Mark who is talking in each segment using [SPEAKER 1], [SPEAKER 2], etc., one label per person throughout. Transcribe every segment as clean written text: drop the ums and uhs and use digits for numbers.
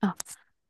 [SPEAKER 1] あ、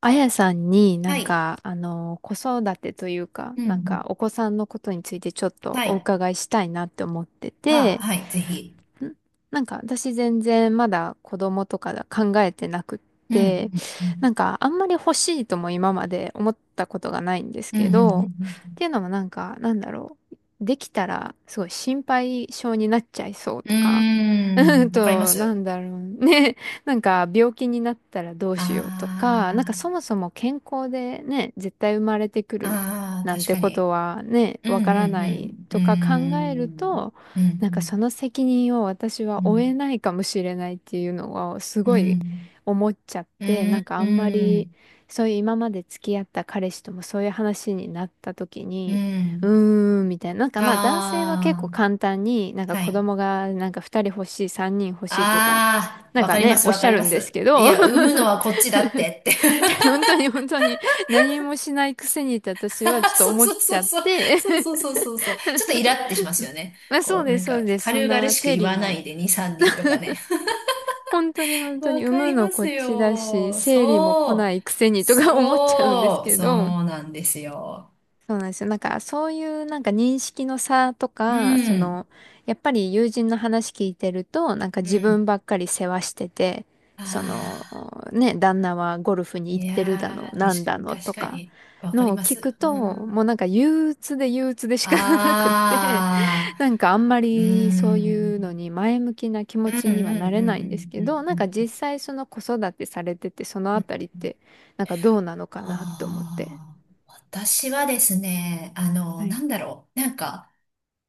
[SPEAKER 1] あやさんにな
[SPEAKER 2] は
[SPEAKER 1] ん
[SPEAKER 2] い。
[SPEAKER 1] か、子育てというか、
[SPEAKER 2] うんう
[SPEAKER 1] なん
[SPEAKER 2] ん。
[SPEAKER 1] かお子さんのことについてちょっと
[SPEAKER 2] は
[SPEAKER 1] お
[SPEAKER 2] い。
[SPEAKER 1] 伺いしたいなって思って
[SPEAKER 2] はあ、
[SPEAKER 1] て、
[SPEAKER 2] はい。ぜひ。
[SPEAKER 1] んなんか私全然まだ子供とか考えてなくっ
[SPEAKER 2] うんう
[SPEAKER 1] て、
[SPEAKER 2] んうん。
[SPEAKER 1] なんかあんまり欲しいとも今まで思ったことがないんです
[SPEAKER 2] うんう
[SPEAKER 1] けど、っ
[SPEAKER 2] ん
[SPEAKER 1] ていうのもなんかなんだろう、できたらすごい心配性になっちゃいそう
[SPEAKER 2] うんう
[SPEAKER 1] とか、
[SPEAKER 2] んうーん。わかりま
[SPEAKER 1] な
[SPEAKER 2] す。
[SPEAKER 1] んだろうね、なんか病気になったらどう
[SPEAKER 2] あ
[SPEAKER 1] しようとか、なんかそもそも健康でね、絶対生まれてく
[SPEAKER 2] あ。
[SPEAKER 1] る
[SPEAKER 2] ああ、
[SPEAKER 1] なん
[SPEAKER 2] 確
[SPEAKER 1] て
[SPEAKER 2] か
[SPEAKER 1] こ
[SPEAKER 2] に。
[SPEAKER 1] とはね、
[SPEAKER 2] うん
[SPEAKER 1] わ
[SPEAKER 2] う
[SPEAKER 1] からない
[SPEAKER 2] んう
[SPEAKER 1] とか考える
[SPEAKER 2] ん。
[SPEAKER 1] と、
[SPEAKER 2] うーんう
[SPEAKER 1] なんかそ
[SPEAKER 2] ん
[SPEAKER 1] の責任を私
[SPEAKER 2] う
[SPEAKER 1] は負え
[SPEAKER 2] ん
[SPEAKER 1] ないかもしれないっていうのをす
[SPEAKER 2] うー
[SPEAKER 1] ごい
[SPEAKER 2] ん。
[SPEAKER 1] 思っちゃっ
[SPEAKER 2] う
[SPEAKER 1] て、
[SPEAKER 2] ーん。
[SPEAKER 1] なんか
[SPEAKER 2] う
[SPEAKER 1] あんま
[SPEAKER 2] ー
[SPEAKER 1] り
[SPEAKER 2] ん。
[SPEAKER 1] そういう今まで付き合った彼氏ともそういう話になった時
[SPEAKER 2] うー
[SPEAKER 1] に、うー
[SPEAKER 2] ん。
[SPEAKER 1] んみたいな、なんかまあ男性は結構
[SPEAKER 2] あ
[SPEAKER 1] 簡単になん
[SPEAKER 2] あ。
[SPEAKER 1] か
[SPEAKER 2] は
[SPEAKER 1] 子
[SPEAKER 2] い。
[SPEAKER 1] 供がなんか2人欲しい、3人欲しいとか、
[SPEAKER 2] ああ。
[SPEAKER 1] なん
[SPEAKER 2] わか
[SPEAKER 1] か
[SPEAKER 2] りま
[SPEAKER 1] ね、
[SPEAKER 2] す
[SPEAKER 1] お
[SPEAKER 2] あ
[SPEAKER 1] っ
[SPEAKER 2] あああ
[SPEAKER 1] しゃ
[SPEAKER 2] 確か
[SPEAKER 1] るんですけ
[SPEAKER 2] に
[SPEAKER 1] ど、
[SPEAKER 2] うんうんうんうんうんうんうんうんうーんうんああはいああわかります。いや、産むのは こっちだってって。
[SPEAKER 1] 本当に本当に何もしないくせにって私はちょ っと
[SPEAKER 2] そう
[SPEAKER 1] 思っ
[SPEAKER 2] そう
[SPEAKER 1] ち
[SPEAKER 2] そう
[SPEAKER 1] ゃっ
[SPEAKER 2] そう。
[SPEAKER 1] て、
[SPEAKER 2] そうそ うそうそうそう。ちょっとイラってしますよね。
[SPEAKER 1] まあそ
[SPEAKER 2] こ
[SPEAKER 1] う
[SPEAKER 2] う、な
[SPEAKER 1] で
[SPEAKER 2] ん
[SPEAKER 1] す、そう
[SPEAKER 2] か、
[SPEAKER 1] です。そん
[SPEAKER 2] 軽々
[SPEAKER 1] な
[SPEAKER 2] しく
[SPEAKER 1] 整
[SPEAKER 2] 言
[SPEAKER 1] 理
[SPEAKER 2] わな
[SPEAKER 1] も
[SPEAKER 2] いで2、3人とかね。
[SPEAKER 1] 本当に 本当
[SPEAKER 2] わ
[SPEAKER 1] に産
[SPEAKER 2] か
[SPEAKER 1] む
[SPEAKER 2] り
[SPEAKER 1] の
[SPEAKER 2] ま
[SPEAKER 1] こ
[SPEAKER 2] す
[SPEAKER 1] っちだし、
[SPEAKER 2] よ。
[SPEAKER 1] 生理も来
[SPEAKER 2] そ
[SPEAKER 1] な
[SPEAKER 2] う。
[SPEAKER 1] いくせにとか 思っちゃうんです
[SPEAKER 2] そう。
[SPEAKER 1] け
[SPEAKER 2] そう
[SPEAKER 1] ど、
[SPEAKER 2] なんですよ。
[SPEAKER 1] そうなんですよ。なんかそういうなんか認識の差と
[SPEAKER 2] う
[SPEAKER 1] か、そ
[SPEAKER 2] ん。
[SPEAKER 1] の、やっぱり友人の話聞いてると、なんか
[SPEAKER 2] う
[SPEAKER 1] 自分
[SPEAKER 2] ん。
[SPEAKER 1] ばっかり世話してて、
[SPEAKER 2] あ
[SPEAKER 1] その、ね、旦那はゴルフ
[SPEAKER 2] あ。
[SPEAKER 1] に行
[SPEAKER 2] い
[SPEAKER 1] ってる
[SPEAKER 2] や
[SPEAKER 1] だの、
[SPEAKER 2] ー、
[SPEAKER 1] なん
[SPEAKER 2] 確
[SPEAKER 1] だ
[SPEAKER 2] か
[SPEAKER 1] の
[SPEAKER 2] に、確
[SPEAKER 1] と
[SPEAKER 2] か
[SPEAKER 1] か
[SPEAKER 2] に。わかり
[SPEAKER 1] のを
[SPEAKER 2] ま
[SPEAKER 1] 聞く
[SPEAKER 2] す。
[SPEAKER 1] と、
[SPEAKER 2] う
[SPEAKER 1] もう
[SPEAKER 2] ん。
[SPEAKER 1] なんか憂鬱で憂鬱で仕方なくって、
[SPEAKER 2] あ
[SPEAKER 1] なん
[SPEAKER 2] あ。
[SPEAKER 1] かあんまりそういうのに前向きな気
[SPEAKER 2] う
[SPEAKER 1] 持
[SPEAKER 2] ん、うん、う
[SPEAKER 1] ちにはなれな
[SPEAKER 2] ん、
[SPEAKER 1] いんです
[SPEAKER 2] う
[SPEAKER 1] けど、
[SPEAKER 2] ん、う
[SPEAKER 1] なんか
[SPEAKER 2] ん、
[SPEAKER 1] 実際その子育てされててその
[SPEAKER 2] う
[SPEAKER 1] あ
[SPEAKER 2] ん。
[SPEAKER 1] たりっ
[SPEAKER 2] うん。
[SPEAKER 1] てなんかどうなのかなと思って。
[SPEAKER 2] ああ、私はですね、
[SPEAKER 1] は
[SPEAKER 2] な
[SPEAKER 1] い。
[SPEAKER 2] んだろう。なんか、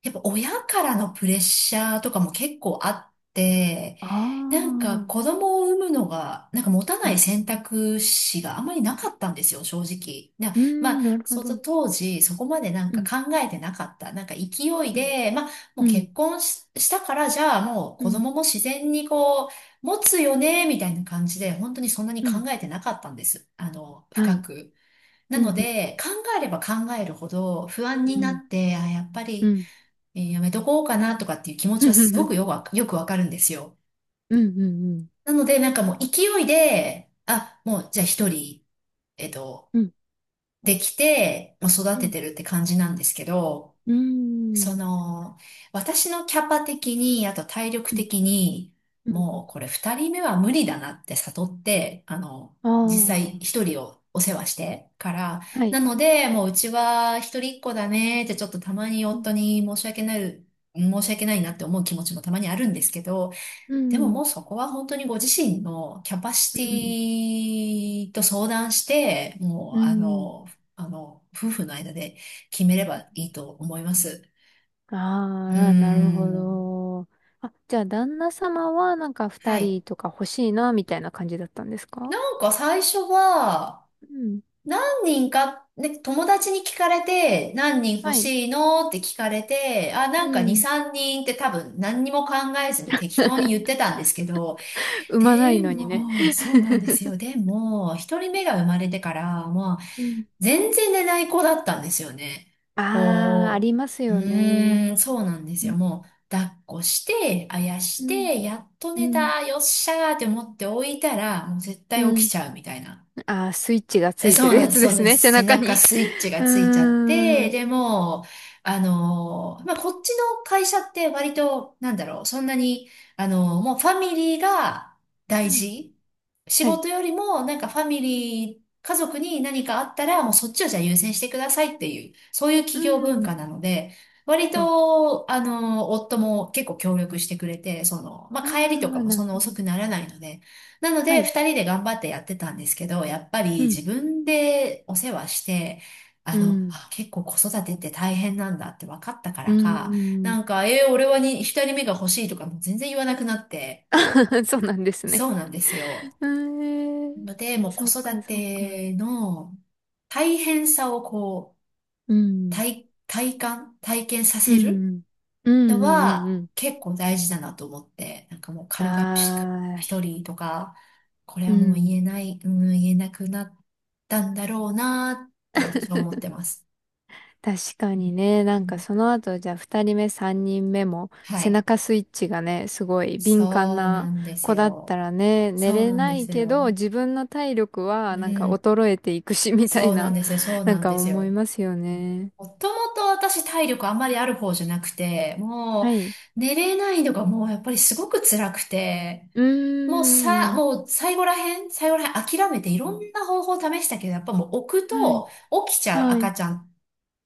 [SPEAKER 2] やっぱ親からのプレッシャーとかも結構あって、
[SPEAKER 1] あ
[SPEAKER 2] な
[SPEAKER 1] あ、
[SPEAKER 2] んか子供を産むのが、なんか持た
[SPEAKER 1] う
[SPEAKER 2] ない
[SPEAKER 1] ん
[SPEAKER 2] 選択肢があまりなかったんですよ、正直。
[SPEAKER 1] うー
[SPEAKER 2] ま
[SPEAKER 1] ん、
[SPEAKER 2] あ、
[SPEAKER 1] なるほ
[SPEAKER 2] そ
[SPEAKER 1] ど。
[SPEAKER 2] の
[SPEAKER 1] う
[SPEAKER 2] 当時、そこまでなんか
[SPEAKER 1] ん、
[SPEAKER 2] 考えてなかった。なんか勢い
[SPEAKER 1] うん、
[SPEAKER 2] で、まあ、も
[SPEAKER 1] う
[SPEAKER 2] う
[SPEAKER 1] ん、
[SPEAKER 2] 結婚し、したから、じゃあもう
[SPEAKER 1] う
[SPEAKER 2] 子
[SPEAKER 1] ん、
[SPEAKER 2] 供も自然にこう、持つよね、みたいな感じで、本当にそんなに
[SPEAKER 1] う
[SPEAKER 2] 考
[SPEAKER 1] ん、
[SPEAKER 2] えてなかったんです。
[SPEAKER 1] は
[SPEAKER 2] 深
[SPEAKER 1] い。
[SPEAKER 2] く。な
[SPEAKER 1] う
[SPEAKER 2] の
[SPEAKER 1] ん、うん、
[SPEAKER 2] で、考えれば考えるほど不安に
[SPEAKER 1] う
[SPEAKER 2] な
[SPEAKER 1] ん、
[SPEAKER 2] って、あ、やっぱ
[SPEAKER 1] う
[SPEAKER 2] り、
[SPEAKER 1] ん、
[SPEAKER 2] やめとこうかなとかっていう気持ちはすごくよくわかるんですよ。
[SPEAKER 1] うん、うん、
[SPEAKER 2] なので、なんかもう勢いで、あ、もうじゃあ一人、えっと、
[SPEAKER 1] うん、うん、
[SPEAKER 2] できて、もう育
[SPEAKER 1] う
[SPEAKER 2] て
[SPEAKER 1] ん、
[SPEAKER 2] てるって感じなんですけど、
[SPEAKER 1] うん、
[SPEAKER 2] その、私のキャパ的に、あと体力
[SPEAKER 1] うん、
[SPEAKER 2] 的に、
[SPEAKER 1] うん、
[SPEAKER 2] もうこれ二人目は無理だなって悟って、実
[SPEAKER 1] あ
[SPEAKER 2] 際一人をお世話してから、
[SPEAKER 1] あー、はい。
[SPEAKER 2] なので、もううちは一人っ子だねってちょっとたまに
[SPEAKER 1] うん、
[SPEAKER 2] 夫に申し訳ないなって思う気持ちもたまにあるんですけど、
[SPEAKER 1] う
[SPEAKER 2] でもも
[SPEAKER 1] ん、
[SPEAKER 2] うそこは本当にご自身のキャパシテ
[SPEAKER 1] うん、
[SPEAKER 2] ィと相談して、もう
[SPEAKER 1] うん。
[SPEAKER 2] 夫婦の間で決めればいいと思います。うー
[SPEAKER 1] ああ、なるほ
[SPEAKER 2] ん。
[SPEAKER 1] ど。あ、じゃあ旦那様はなんか
[SPEAKER 2] は
[SPEAKER 1] 二
[SPEAKER 2] い。
[SPEAKER 1] 人とか欲しいな、みたいな感じだったんですか？
[SPEAKER 2] なんか最初は、
[SPEAKER 1] うん。
[SPEAKER 2] 何人か、ね、友達に聞かれて、何人
[SPEAKER 1] は
[SPEAKER 2] 欲
[SPEAKER 1] い。
[SPEAKER 2] しいのって聞かれて、あ、
[SPEAKER 1] う
[SPEAKER 2] なんか2、
[SPEAKER 1] ん。
[SPEAKER 2] 3人って多分何にも考えずに適当に言ってたんですけど、
[SPEAKER 1] 産まない
[SPEAKER 2] で
[SPEAKER 1] のにね。
[SPEAKER 2] も、そうなんですよ。でも、一人目が生まれてから、まあ、
[SPEAKER 1] うん。
[SPEAKER 2] 全然寝ない子だったんですよね。
[SPEAKER 1] ああ、あ
[SPEAKER 2] こ
[SPEAKER 1] ります
[SPEAKER 2] う、う
[SPEAKER 1] よね。
[SPEAKER 2] そうなんです
[SPEAKER 1] う
[SPEAKER 2] よ。
[SPEAKER 1] ん。
[SPEAKER 2] もう、抱っこして、あやし
[SPEAKER 1] うん。
[SPEAKER 2] て、やっと
[SPEAKER 1] う
[SPEAKER 2] 寝
[SPEAKER 1] ん。
[SPEAKER 2] た、よっしゃーって思って置いたら、もう絶
[SPEAKER 1] う
[SPEAKER 2] 対起き
[SPEAKER 1] ん
[SPEAKER 2] ちゃうみたいな。
[SPEAKER 1] ああー、スイッチがつ
[SPEAKER 2] え、
[SPEAKER 1] い
[SPEAKER 2] そ
[SPEAKER 1] て
[SPEAKER 2] う
[SPEAKER 1] る
[SPEAKER 2] な
[SPEAKER 1] や
[SPEAKER 2] んです、
[SPEAKER 1] つ
[SPEAKER 2] そ
[SPEAKER 1] で
[SPEAKER 2] うな
[SPEAKER 1] す
[SPEAKER 2] んで
[SPEAKER 1] ね、
[SPEAKER 2] す。
[SPEAKER 1] 背
[SPEAKER 2] 背
[SPEAKER 1] 中
[SPEAKER 2] 中
[SPEAKER 1] に。
[SPEAKER 2] スイッチが
[SPEAKER 1] う
[SPEAKER 2] ついちゃっ
[SPEAKER 1] ー
[SPEAKER 2] て、
[SPEAKER 1] ん。
[SPEAKER 2] でもう、まあ、こっちの会社って割と、なんだろう、そんなに、もうファミリーが
[SPEAKER 1] う
[SPEAKER 2] 大
[SPEAKER 1] ん
[SPEAKER 2] 事。仕
[SPEAKER 1] はい。
[SPEAKER 2] 事よりも、なんかファミリー、家族に何かあったら、もうそっちをじゃあ優先してくださいっていう、そういう
[SPEAKER 1] う
[SPEAKER 2] 企業文
[SPEAKER 1] ん。
[SPEAKER 2] 化なので、割
[SPEAKER 1] はい。
[SPEAKER 2] と、夫も結構協力してくれて、まあ、
[SPEAKER 1] あ
[SPEAKER 2] 帰りとか
[SPEAKER 1] あ、
[SPEAKER 2] も
[SPEAKER 1] な
[SPEAKER 2] そ
[SPEAKER 1] る
[SPEAKER 2] んな
[SPEAKER 1] ほ
[SPEAKER 2] 遅
[SPEAKER 1] ど。
[SPEAKER 2] くならないので、なの
[SPEAKER 1] は
[SPEAKER 2] で、
[SPEAKER 1] い。
[SPEAKER 2] 二人で頑張ってやってたんですけど、やっぱり
[SPEAKER 1] うん。
[SPEAKER 2] 自分でお世話して、
[SPEAKER 1] うん。
[SPEAKER 2] あ、結構子育てって大変なんだって分かったか
[SPEAKER 1] う
[SPEAKER 2] らか、な
[SPEAKER 1] ん。
[SPEAKER 2] んか、俺はに、二人目が欲しいとかも全然言わなくなって、
[SPEAKER 1] そうなんですね。
[SPEAKER 2] そうなんですよ。
[SPEAKER 1] えー、
[SPEAKER 2] ので、もう子
[SPEAKER 1] そっか
[SPEAKER 2] 育
[SPEAKER 1] そっか。
[SPEAKER 2] ての大変さをこう、
[SPEAKER 1] うん。
[SPEAKER 2] 体感、体験さ
[SPEAKER 1] う
[SPEAKER 2] せる
[SPEAKER 1] ん。うんう
[SPEAKER 2] の
[SPEAKER 1] んうん
[SPEAKER 2] は
[SPEAKER 1] うん。
[SPEAKER 2] 結構大事だなと思って、なんかもう
[SPEAKER 1] あ
[SPEAKER 2] 軽々しく
[SPEAKER 1] あ、
[SPEAKER 2] 一人とか、これ
[SPEAKER 1] う
[SPEAKER 2] はもう言
[SPEAKER 1] ん。
[SPEAKER 2] えない、うん、言えなくなったんだろうなって私は思ってます。
[SPEAKER 1] 確か
[SPEAKER 2] うん
[SPEAKER 1] にね、な
[SPEAKER 2] う
[SPEAKER 1] んか
[SPEAKER 2] ん
[SPEAKER 1] その後、じゃあ二人目、三人目も
[SPEAKER 2] は
[SPEAKER 1] 背
[SPEAKER 2] い。
[SPEAKER 1] 中スイッチがね、すごい敏感
[SPEAKER 2] そう
[SPEAKER 1] な
[SPEAKER 2] なんです
[SPEAKER 1] 子だった
[SPEAKER 2] よ。
[SPEAKER 1] らね、寝
[SPEAKER 2] そう
[SPEAKER 1] れ
[SPEAKER 2] なん
[SPEAKER 1] な
[SPEAKER 2] で
[SPEAKER 1] い
[SPEAKER 2] す
[SPEAKER 1] けど、
[SPEAKER 2] よ。
[SPEAKER 1] 自分の体力は
[SPEAKER 2] う
[SPEAKER 1] なんか
[SPEAKER 2] ん。
[SPEAKER 1] 衰えていくし、みたい
[SPEAKER 2] そうなん
[SPEAKER 1] な、
[SPEAKER 2] ですよ。そう
[SPEAKER 1] な
[SPEAKER 2] な
[SPEAKER 1] ん
[SPEAKER 2] ん
[SPEAKER 1] か
[SPEAKER 2] です
[SPEAKER 1] 思い
[SPEAKER 2] よ。
[SPEAKER 1] ますよね。
[SPEAKER 2] もともと私体力あんまりある方じゃなくて、も
[SPEAKER 1] はい。
[SPEAKER 2] う寝れないのがもうやっぱりすごく辛くて、
[SPEAKER 1] う
[SPEAKER 2] もう
[SPEAKER 1] ー
[SPEAKER 2] さ、
[SPEAKER 1] ん。
[SPEAKER 2] もう最後らへん諦めていろんな方法を試したけど、やっぱもう置く
[SPEAKER 1] はい。
[SPEAKER 2] と起きちゃう
[SPEAKER 1] は
[SPEAKER 2] 赤
[SPEAKER 1] い。
[SPEAKER 2] ちゃんっ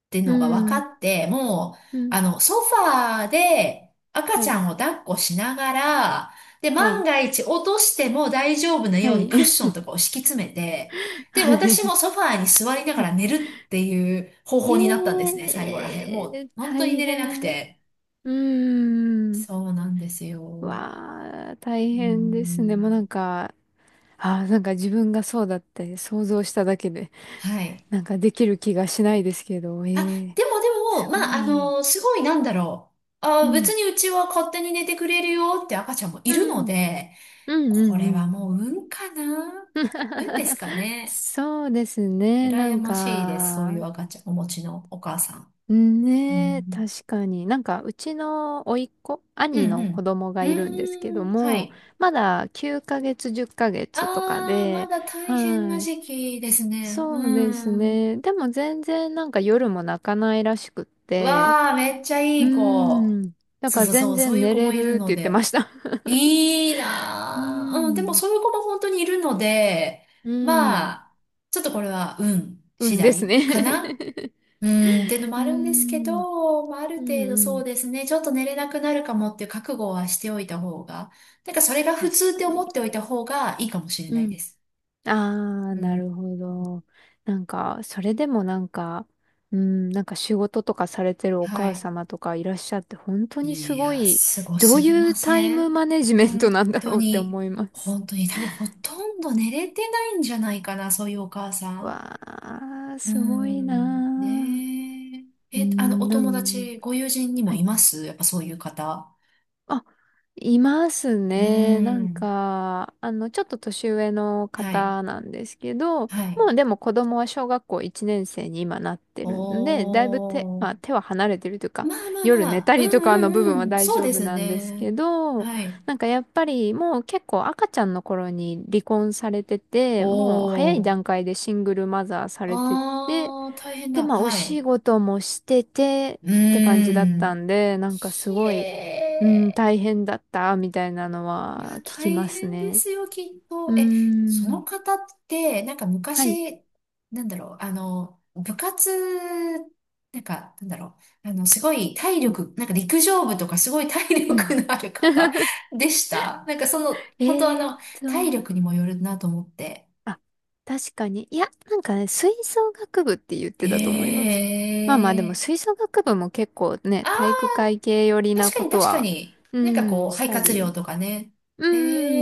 [SPEAKER 2] ていう
[SPEAKER 1] う
[SPEAKER 2] のが分か
[SPEAKER 1] ん。
[SPEAKER 2] って、もう、
[SPEAKER 1] うん。
[SPEAKER 2] ソファーで赤
[SPEAKER 1] は
[SPEAKER 2] ちゃ
[SPEAKER 1] い。
[SPEAKER 2] んを抱っこしながら、で、
[SPEAKER 1] は
[SPEAKER 2] 万
[SPEAKER 1] い。
[SPEAKER 2] が一落としても大丈夫な
[SPEAKER 1] は
[SPEAKER 2] ようにクッ
[SPEAKER 1] い。
[SPEAKER 2] ションとかを敷き詰めて、で、私も ソファーに座りながら寝るっていう方法になったんです
[SPEAKER 1] え
[SPEAKER 2] ね、最後らへん。も
[SPEAKER 1] え
[SPEAKER 2] う、本当に
[SPEAKER 1] 大
[SPEAKER 2] 寝れなく
[SPEAKER 1] 変。う
[SPEAKER 2] て。
[SPEAKER 1] ーん。
[SPEAKER 2] そうなんですよ。
[SPEAKER 1] わあ、大
[SPEAKER 2] うー
[SPEAKER 1] 変ですね。もうな
[SPEAKER 2] ん。
[SPEAKER 1] んか、ああ、なんか自分がそうだって想像しただけで、
[SPEAKER 2] はい。
[SPEAKER 1] なんかできる気がしないですけど、え
[SPEAKER 2] あ、
[SPEAKER 1] え
[SPEAKER 2] でもで
[SPEAKER 1] す
[SPEAKER 2] も、ま
[SPEAKER 1] ご
[SPEAKER 2] あ、
[SPEAKER 1] い。
[SPEAKER 2] すごいなんだろう。
[SPEAKER 1] う
[SPEAKER 2] あ、別
[SPEAKER 1] ん。
[SPEAKER 2] にうちは勝手に寝てくれるよって赤ちゃんもい
[SPEAKER 1] う
[SPEAKER 2] るの
[SPEAKER 1] ん。
[SPEAKER 2] で、
[SPEAKER 1] うんう
[SPEAKER 2] こ
[SPEAKER 1] んう
[SPEAKER 2] れは
[SPEAKER 1] ん。
[SPEAKER 2] もう運かな、運ですかね。
[SPEAKER 1] そうですね。な
[SPEAKER 2] 羨
[SPEAKER 1] ん
[SPEAKER 2] ましいです。そういう
[SPEAKER 1] か、
[SPEAKER 2] 赤ちゃん、お持ちのお母さん。
[SPEAKER 1] うん
[SPEAKER 2] う
[SPEAKER 1] ねえ、
[SPEAKER 2] ん、
[SPEAKER 1] 確かに。なんか、うちの甥っ子、
[SPEAKER 2] う
[SPEAKER 1] 兄
[SPEAKER 2] ん、う
[SPEAKER 1] の子
[SPEAKER 2] ん。
[SPEAKER 1] 供
[SPEAKER 2] う
[SPEAKER 1] が
[SPEAKER 2] ー
[SPEAKER 1] いるんですけど
[SPEAKER 2] ん、は
[SPEAKER 1] も、
[SPEAKER 2] い。
[SPEAKER 1] まだ9ヶ月、10ヶ
[SPEAKER 2] あ
[SPEAKER 1] 月とか
[SPEAKER 2] ー、ま
[SPEAKER 1] で、
[SPEAKER 2] だ大変な
[SPEAKER 1] はい。
[SPEAKER 2] 時期ですね。
[SPEAKER 1] そうです
[SPEAKER 2] うん。
[SPEAKER 1] ね。でも全然なんか夜も泣かないらしくって、
[SPEAKER 2] わー、めっちゃ
[SPEAKER 1] う
[SPEAKER 2] いい子。
[SPEAKER 1] ーん。だ
[SPEAKER 2] そ
[SPEAKER 1] か
[SPEAKER 2] う
[SPEAKER 1] ら
[SPEAKER 2] そうそ
[SPEAKER 1] 全
[SPEAKER 2] う、そう
[SPEAKER 1] 然
[SPEAKER 2] いう
[SPEAKER 1] 寝
[SPEAKER 2] 子
[SPEAKER 1] れ
[SPEAKER 2] もいる
[SPEAKER 1] るって
[SPEAKER 2] の
[SPEAKER 1] 言ってま
[SPEAKER 2] で。
[SPEAKER 1] した。
[SPEAKER 2] いい
[SPEAKER 1] うー
[SPEAKER 2] なぁ。うん、でもそう
[SPEAKER 1] ん。
[SPEAKER 2] いう子も本当にいるので、
[SPEAKER 1] う
[SPEAKER 2] ま
[SPEAKER 1] ん。
[SPEAKER 2] あ、ちょっとこれは運
[SPEAKER 1] う
[SPEAKER 2] 次
[SPEAKER 1] んです
[SPEAKER 2] 第
[SPEAKER 1] ね。
[SPEAKER 2] かな、 うん、っていうのも
[SPEAKER 1] うー
[SPEAKER 2] あるんですけ
[SPEAKER 1] ん。
[SPEAKER 2] ど、まあ、ある
[SPEAKER 1] う
[SPEAKER 2] 程
[SPEAKER 1] ん
[SPEAKER 2] 度
[SPEAKER 1] う
[SPEAKER 2] そう
[SPEAKER 1] ん。
[SPEAKER 2] ですね、ちょっと寝れなくなるかもっていう覚悟はしておいた方が、なんかそれが普通っ
[SPEAKER 1] 確
[SPEAKER 2] て
[SPEAKER 1] か
[SPEAKER 2] 思っ
[SPEAKER 1] に。
[SPEAKER 2] ておいた方がいいかもしれ
[SPEAKER 1] う
[SPEAKER 2] ないで
[SPEAKER 1] ん。
[SPEAKER 2] す。
[SPEAKER 1] ああ、
[SPEAKER 2] う
[SPEAKER 1] なる
[SPEAKER 2] ん。
[SPEAKER 1] ほど。なんか、それでもなんか、うん、なんか仕事とかされてるお
[SPEAKER 2] は
[SPEAKER 1] 母
[SPEAKER 2] い。
[SPEAKER 1] 様とかいらっしゃって、本当にす
[SPEAKER 2] い
[SPEAKER 1] ご
[SPEAKER 2] や、
[SPEAKER 1] い、
[SPEAKER 2] すご
[SPEAKER 1] ど
[SPEAKER 2] す
[SPEAKER 1] う
[SPEAKER 2] ぎ
[SPEAKER 1] い
[SPEAKER 2] ま
[SPEAKER 1] うタイ
[SPEAKER 2] せ
[SPEAKER 1] ム
[SPEAKER 2] ん？
[SPEAKER 1] マネジメン
[SPEAKER 2] 本
[SPEAKER 1] トなんだ
[SPEAKER 2] 当
[SPEAKER 1] ろうって
[SPEAKER 2] に、
[SPEAKER 1] 思います。
[SPEAKER 2] 本当に多分ほとんど寝れてないんじゃないかな、そういうお母さん。
[SPEAKER 1] わあ、
[SPEAKER 2] うー
[SPEAKER 1] すごい
[SPEAKER 2] ん、
[SPEAKER 1] な
[SPEAKER 2] ねえ。
[SPEAKER 1] ー。う
[SPEAKER 2] え、お
[SPEAKER 1] ん、な
[SPEAKER 2] 友
[SPEAKER 1] ん、
[SPEAKER 2] 達、ご友人にも
[SPEAKER 1] は
[SPEAKER 2] い
[SPEAKER 1] い
[SPEAKER 2] ます、やっぱそういう方。
[SPEAKER 1] あ、います
[SPEAKER 2] うー
[SPEAKER 1] ね。なん
[SPEAKER 2] ん、
[SPEAKER 1] か、ちょっと年上の
[SPEAKER 2] はい、
[SPEAKER 1] 方なんですけど、も
[SPEAKER 2] はい。
[SPEAKER 1] うでも子供は小学校1年生に今なって
[SPEAKER 2] お
[SPEAKER 1] るんで、だいぶ手、まあ
[SPEAKER 2] ー。
[SPEAKER 1] 手は離れてるという
[SPEAKER 2] ま
[SPEAKER 1] か、
[SPEAKER 2] あまあ
[SPEAKER 1] 夜
[SPEAKER 2] ま
[SPEAKER 1] 寝
[SPEAKER 2] あ、
[SPEAKER 1] た
[SPEAKER 2] う
[SPEAKER 1] りとかの部
[SPEAKER 2] んう
[SPEAKER 1] 分は
[SPEAKER 2] んうん、
[SPEAKER 1] 大
[SPEAKER 2] そう
[SPEAKER 1] 丈
[SPEAKER 2] で
[SPEAKER 1] 夫
[SPEAKER 2] す
[SPEAKER 1] なんです
[SPEAKER 2] ね。
[SPEAKER 1] けど、
[SPEAKER 2] はい。
[SPEAKER 1] なんかやっぱりもう結構赤ちゃんの頃に離婚されてて、もう早い
[SPEAKER 2] おー。
[SPEAKER 1] 段階でシングルマザーされてて、
[SPEAKER 2] あー、大変
[SPEAKER 1] で、
[SPEAKER 2] だ。
[SPEAKER 1] まあ、お
[SPEAKER 2] はい。
[SPEAKER 1] 仕事もしてて
[SPEAKER 2] う
[SPEAKER 1] って感じだっ
[SPEAKER 2] ー
[SPEAKER 1] た
[SPEAKER 2] ん。
[SPEAKER 1] んで、なんかす
[SPEAKER 2] ひ
[SPEAKER 1] ごい、うん、
[SPEAKER 2] えー。
[SPEAKER 1] 大変だった、みたいなの
[SPEAKER 2] いや、
[SPEAKER 1] は聞き
[SPEAKER 2] 大
[SPEAKER 1] ます
[SPEAKER 2] 変で
[SPEAKER 1] ね。
[SPEAKER 2] すよ、きっ
[SPEAKER 1] う
[SPEAKER 2] と。
[SPEAKER 1] ー
[SPEAKER 2] え、その
[SPEAKER 1] ん。
[SPEAKER 2] 方って、なんか
[SPEAKER 1] はい。
[SPEAKER 2] 昔、なんだろう、部活、なんか、なんだろう、すごい体
[SPEAKER 1] うん、
[SPEAKER 2] 力、なんか陸上部とかすごい体
[SPEAKER 1] う
[SPEAKER 2] 力
[SPEAKER 1] ん。
[SPEAKER 2] のある方 でした。なんか本当
[SPEAKER 1] えーっ
[SPEAKER 2] 体
[SPEAKER 1] と、
[SPEAKER 2] 力にもよるなと思って。
[SPEAKER 1] あ、確かに。いや、なんかね、吹奏楽部って言ってたと思いま
[SPEAKER 2] へ
[SPEAKER 1] す。まあまあ、でも
[SPEAKER 2] え。
[SPEAKER 1] 吹奏楽部も結構ね、体
[SPEAKER 2] あ
[SPEAKER 1] 育会系寄り
[SPEAKER 2] ー、
[SPEAKER 1] な
[SPEAKER 2] 確か
[SPEAKER 1] こ
[SPEAKER 2] に
[SPEAKER 1] と
[SPEAKER 2] 確か
[SPEAKER 1] は、
[SPEAKER 2] に。
[SPEAKER 1] う
[SPEAKER 2] なんかこ
[SPEAKER 1] ん、
[SPEAKER 2] う、
[SPEAKER 1] し
[SPEAKER 2] 肺
[SPEAKER 1] た
[SPEAKER 2] 活量
[SPEAKER 1] り。
[SPEAKER 2] とかね。
[SPEAKER 1] う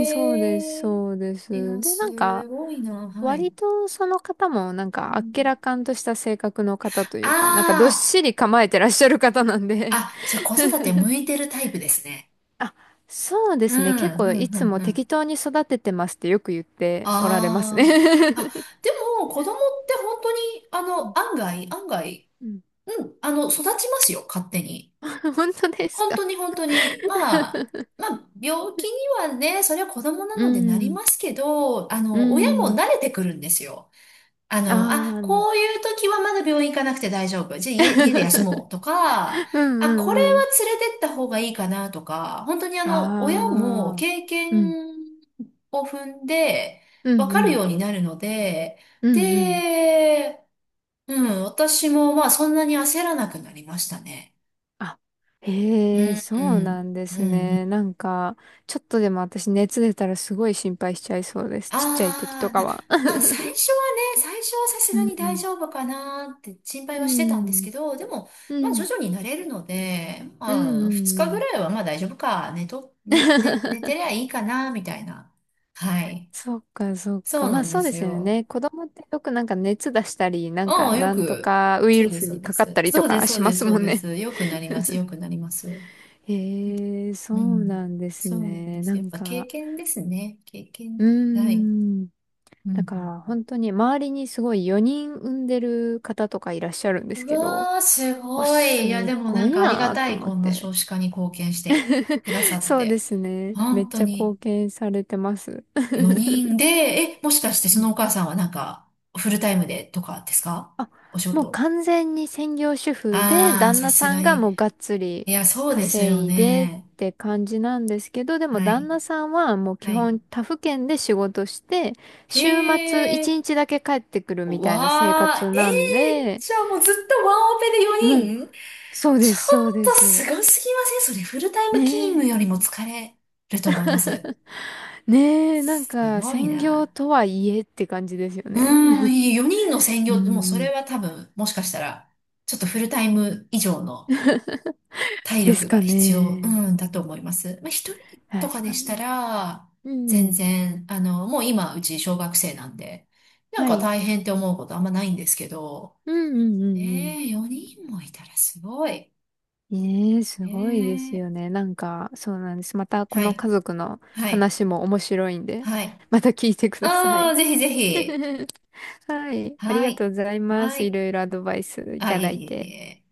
[SPEAKER 1] ん、そうです、
[SPEAKER 2] え。
[SPEAKER 1] そうで
[SPEAKER 2] い
[SPEAKER 1] す。
[SPEAKER 2] や、
[SPEAKER 1] で、なんか、
[SPEAKER 2] すごいな、はい。
[SPEAKER 1] 割とその方もなん
[SPEAKER 2] う
[SPEAKER 1] かあっけ
[SPEAKER 2] ん。
[SPEAKER 1] らかんとした性格の方というか、なんかどっ
[SPEAKER 2] あ
[SPEAKER 1] しり構えてらっしゃる方なんで。
[SPEAKER 2] あ、あ、じゃあ子育て向いてるタイプですね。
[SPEAKER 1] あ、そうで
[SPEAKER 2] うん、
[SPEAKER 1] すね。結構
[SPEAKER 2] う
[SPEAKER 1] い
[SPEAKER 2] ん、う
[SPEAKER 1] つ
[SPEAKER 2] ん、
[SPEAKER 1] も
[SPEAKER 2] う
[SPEAKER 1] 適
[SPEAKER 2] ん。
[SPEAKER 1] 当に育ててますってよく言っておられますね。
[SPEAKER 2] ああ、あ、でも子供って本当に、案外、案外、
[SPEAKER 1] うん
[SPEAKER 2] うん、育ちますよ、勝手に。
[SPEAKER 1] 本当です
[SPEAKER 2] 本
[SPEAKER 1] か？
[SPEAKER 2] 当に本当に、まあ、病気にはね、それは子供な
[SPEAKER 1] う
[SPEAKER 2] のでなり
[SPEAKER 1] ん、
[SPEAKER 2] ますけど、
[SPEAKER 1] う
[SPEAKER 2] 親も
[SPEAKER 1] ん、
[SPEAKER 2] 慣れてくるんですよ。
[SPEAKER 1] ああ、
[SPEAKER 2] あ、
[SPEAKER 1] うん
[SPEAKER 2] こういう時はまだ病院行かなくて大丈夫。じゃあ家で休もうとか、
[SPEAKER 1] う
[SPEAKER 2] あ、これは
[SPEAKER 1] んうん。
[SPEAKER 2] 連れてった方がいいかなとか、本当に親も
[SPEAKER 1] ああ、
[SPEAKER 2] 経
[SPEAKER 1] うん、
[SPEAKER 2] 験を踏んで
[SPEAKER 1] う
[SPEAKER 2] わ
[SPEAKER 1] んう
[SPEAKER 2] かる
[SPEAKER 1] ん、
[SPEAKER 2] ようになるので、
[SPEAKER 1] うんうん。
[SPEAKER 2] で、うん、私もまあそんなに焦らなくなりましたね。
[SPEAKER 1] あ
[SPEAKER 2] う
[SPEAKER 1] へえ、
[SPEAKER 2] ん、
[SPEAKER 1] そ
[SPEAKER 2] う
[SPEAKER 1] うな
[SPEAKER 2] ん、
[SPEAKER 1] んで
[SPEAKER 2] う
[SPEAKER 1] す
[SPEAKER 2] ん、うん。
[SPEAKER 1] ね。なんか、ちょっとでも私熱出たらすごい心配しちゃいそうです。ちっちゃい時と
[SPEAKER 2] ああ、
[SPEAKER 1] かは。
[SPEAKER 2] まあ最 初はね、最初はさす
[SPEAKER 1] う
[SPEAKER 2] がに大
[SPEAKER 1] ん。
[SPEAKER 2] 丈夫かなって心 配
[SPEAKER 1] う
[SPEAKER 2] はしてたんです
[SPEAKER 1] ん。
[SPEAKER 2] けど、でも、
[SPEAKER 1] う
[SPEAKER 2] まあ徐
[SPEAKER 1] ん。
[SPEAKER 2] 々に慣れるので、
[SPEAKER 1] う
[SPEAKER 2] まあ2日
[SPEAKER 1] ん。
[SPEAKER 2] ぐ
[SPEAKER 1] うん。
[SPEAKER 2] らいはまあ大丈夫かね、寝と、寝、寝、寝て りゃいいかな、みたいな。はい。
[SPEAKER 1] そっか、そっ
[SPEAKER 2] そ
[SPEAKER 1] か。
[SPEAKER 2] う
[SPEAKER 1] ま
[SPEAKER 2] な
[SPEAKER 1] あ
[SPEAKER 2] んで
[SPEAKER 1] そうで
[SPEAKER 2] す
[SPEAKER 1] すよ
[SPEAKER 2] よ。
[SPEAKER 1] ね。子供ってよくなんか熱出したり、なん
[SPEAKER 2] あ
[SPEAKER 1] か
[SPEAKER 2] あ、
[SPEAKER 1] なんとかウイ
[SPEAKER 2] そう
[SPEAKER 1] ル
[SPEAKER 2] で
[SPEAKER 1] ス
[SPEAKER 2] す、そう
[SPEAKER 1] に
[SPEAKER 2] で
[SPEAKER 1] かかっ
[SPEAKER 2] す。
[SPEAKER 1] たり
[SPEAKER 2] そ
[SPEAKER 1] と
[SPEAKER 2] うです、
[SPEAKER 1] か
[SPEAKER 2] そ
[SPEAKER 1] し
[SPEAKER 2] う
[SPEAKER 1] ま
[SPEAKER 2] です、
[SPEAKER 1] す
[SPEAKER 2] そ
[SPEAKER 1] も
[SPEAKER 2] う
[SPEAKER 1] ん
[SPEAKER 2] で
[SPEAKER 1] ね。
[SPEAKER 2] す。よくなります、よくなります。
[SPEAKER 1] へえ、そ
[SPEAKER 2] う
[SPEAKER 1] う
[SPEAKER 2] ん。
[SPEAKER 1] なんです
[SPEAKER 2] そうなんで
[SPEAKER 1] ね。な
[SPEAKER 2] す。やっ
[SPEAKER 1] ん
[SPEAKER 2] ぱ経
[SPEAKER 1] か、
[SPEAKER 2] 験ですね。経
[SPEAKER 1] う
[SPEAKER 2] 験。
[SPEAKER 1] ー
[SPEAKER 2] はい。
[SPEAKER 1] ん。
[SPEAKER 2] う
[SPEAKER 1] だか
[SPEAKER 2] ん。
[SPEAKER 1] ら本当に周りにすごい4人産んでる方とかいらっしゃるんです
[SPEAKER 2] う
[SPEAKER 1] けど、
[SPEAKER 2] わー、す
[SPEAKER 1] わ、
[SPEAKER 2] ごい。いや、
[SPEAKER 1] す
[SPEAKER 2] でもな
[SPEAKER 1] ご
[SPEAKER 2] ん
[SPEAKER 1] い
[SPEAKER 2] かありが
[SPEAKER 1] なぁ
[SPEAKER 2] た
[SPEAKER 1] と
[SPEAKER 2] い、
[SPEAKER 1] 思っ
[SPEAKER 2] こんな
[SPEAKER 1] て。
[SPEAKER 2] 少子化に貢献してくださ っ
[SPEAKER 1] そうで
[SPEAKER 2] て。
[SPEAKER 1] すね。めっ
[SPEAKER 2] 本当
[SPEAKER 1] ちゃ
[SPEAKER 2] に。
[SPEAKER 1] 貢献されてます。
[SPEAKER 2] 4 人で、え、もしかして
[SPEAKER 1] う
[SPEAKER 2] そ
[SPEAKER 1] ん
[SPEAKER 2] のお母さんはなんか、フルタイムでとかですか？
[SPEAKER 1] あ、
[SPEAKER 2] お仕
[SPEAKER 1] もう
[SPEAKER 2] 事。
[SPEAKER 1] 完全に専業主婦で、
[SPEAKER 2] あー、
[SPEAKER 1] 旦
[SPEAKER 2] さ
[SPEAKER 1] 那
[SPEAKER 2] す
[SPEAKER 1] さ
[SPEAKER 2] が
[SPEAKER 1] んがも
[SPEAKER 2] に。
[SPEAKER 1] うがっつり
[SPEAKER 2] いや、そうですよ
[SPEAKER 1] 稼いでっ
[SPEAKER 2] ね。
[SPEAKER 1] て感じなんですけど、でも
[SPEAKER 2] は
[SPEAKER 1] 旦
[SPEAKER 2] い。
[SPEAKER 1] 那さんはもう
[SPEAKER 2] は
[SPEAKER 1] 基
[SPEAKER 2] い。
[SPEAKER 1] 本他府県で仕事して、
[SPEAKER 2] へ
[SPEAKER 1] 週末1
[SPEAKER 2] ー。
[SPEAKER 1] 日だけ帰ってくるみたいな生
[SPEAKER 2] わ
[SPEAKER 1] 活
[SPEAKER 2] ー、
[SPEAKER 1] なんで、
[SPEAKER 2] じゃあもうずっとワンオペで
[SPEAKER 1] もう、
[SPEAKER 2] 4人？ちょっ
[SPEAKER 1] そうです、そうで
[SPEAKER 2] とす
[SPEAKER 1] す。
[SPEAKER 2] ごすぎません？それ、フルタイム勤
[SPEAKER 1] ね
[SPEAKER 2] 務よりも疲れると思います。
[SPEAKER 1] え、ねえ、なん
[SPEAKER 2] す
[SPEAKER 1] か、
[SPEAKER 2] ごい
[SPEAKER 1] 専業
[SPEAKER 2] な。
[SPEAKER 1] とはいえって感じですよ
[SPEAKER 2] うーん、
[SPEAKER 1] ね。
[SPEAKER 2] 4人の専
[SPEAKER 1] う
[SPEAKER 2] 業ってもうそれ
[SPEAKER 1] ん、
[SPEAKER 2] は多分、もしかしたら、ちょっとフルタイム以上の体
[SPEAKER 1] です
[SPEAKER 2] 力が
[SPEAKER 1] か
[SPEAKER 2] 必要、う
[SPEAKER 1] ね。
[SPEAKER 2] ん、だと思います。まあ、1人とか
[SPEAKER 1] 確
[SPEAKER 2] で
[SPEAKER 1] か
[SPEAKER 2] し
[SPEAKER 1] に。
[SPEAKER 2] たら、
[SPEAKER 1] う
[SPEAKER 2] 全
[SPEAKER 1] ん、
[SPEAKER 2] 然、もう今、うち小学生なんで、なん
[SPEAKER 1] は
[SPEAKER 2] か
[SPEAKER 1] い。
[SPEAKER 2] 大変って思うことあんまないんですけど、
[SPEAKER 1] うんうんうん
[SPEAKER 2] ねえ、4人もいたらすごい。
[SPEAKER 1] うん。ええ、すごいで
[SPEAKER 2] ね
[SPEAKER 1] す
[SPEAKER 2] え。
[SPEAKER 1] よね。なんか、そうなんです。また、こ
[SPEAKER 2] は
[SPEAKER 1] の
[SPEAKER 2] い、
[SPEAKER 1] 家族の
[SPEAKER 2] はい、
[SPEAKER 1] 話も面白いんで、
[SPEAKER 2] はい。
[SPEAKER 1] また聞いてくださ
[SPEAKER 2] あ
[SPEAKER 1] い。
[SPEAKER 2] あ、ぜひぜひ。
[SPEAKER 1] はい。あり
[SPEAKER 2] は
[SPEAKER 1] がと
[SPEAKER 2] い、
[SPEAKER 1] うございま
[SPEAKER 2] は
[SPEAKER 1] す。い
[SPEAKER 2] い。
[SPEAKER 1] ろいろアドバイスい
[SPEAKER 2] あ、
[SPEAKER 1] た
[SPEAKER 2] いえ
[SPEAKER 1] だい
[SPEAKER 2] いえ
[SPEAKER 1] て。
[SPEAKER 2] いえ。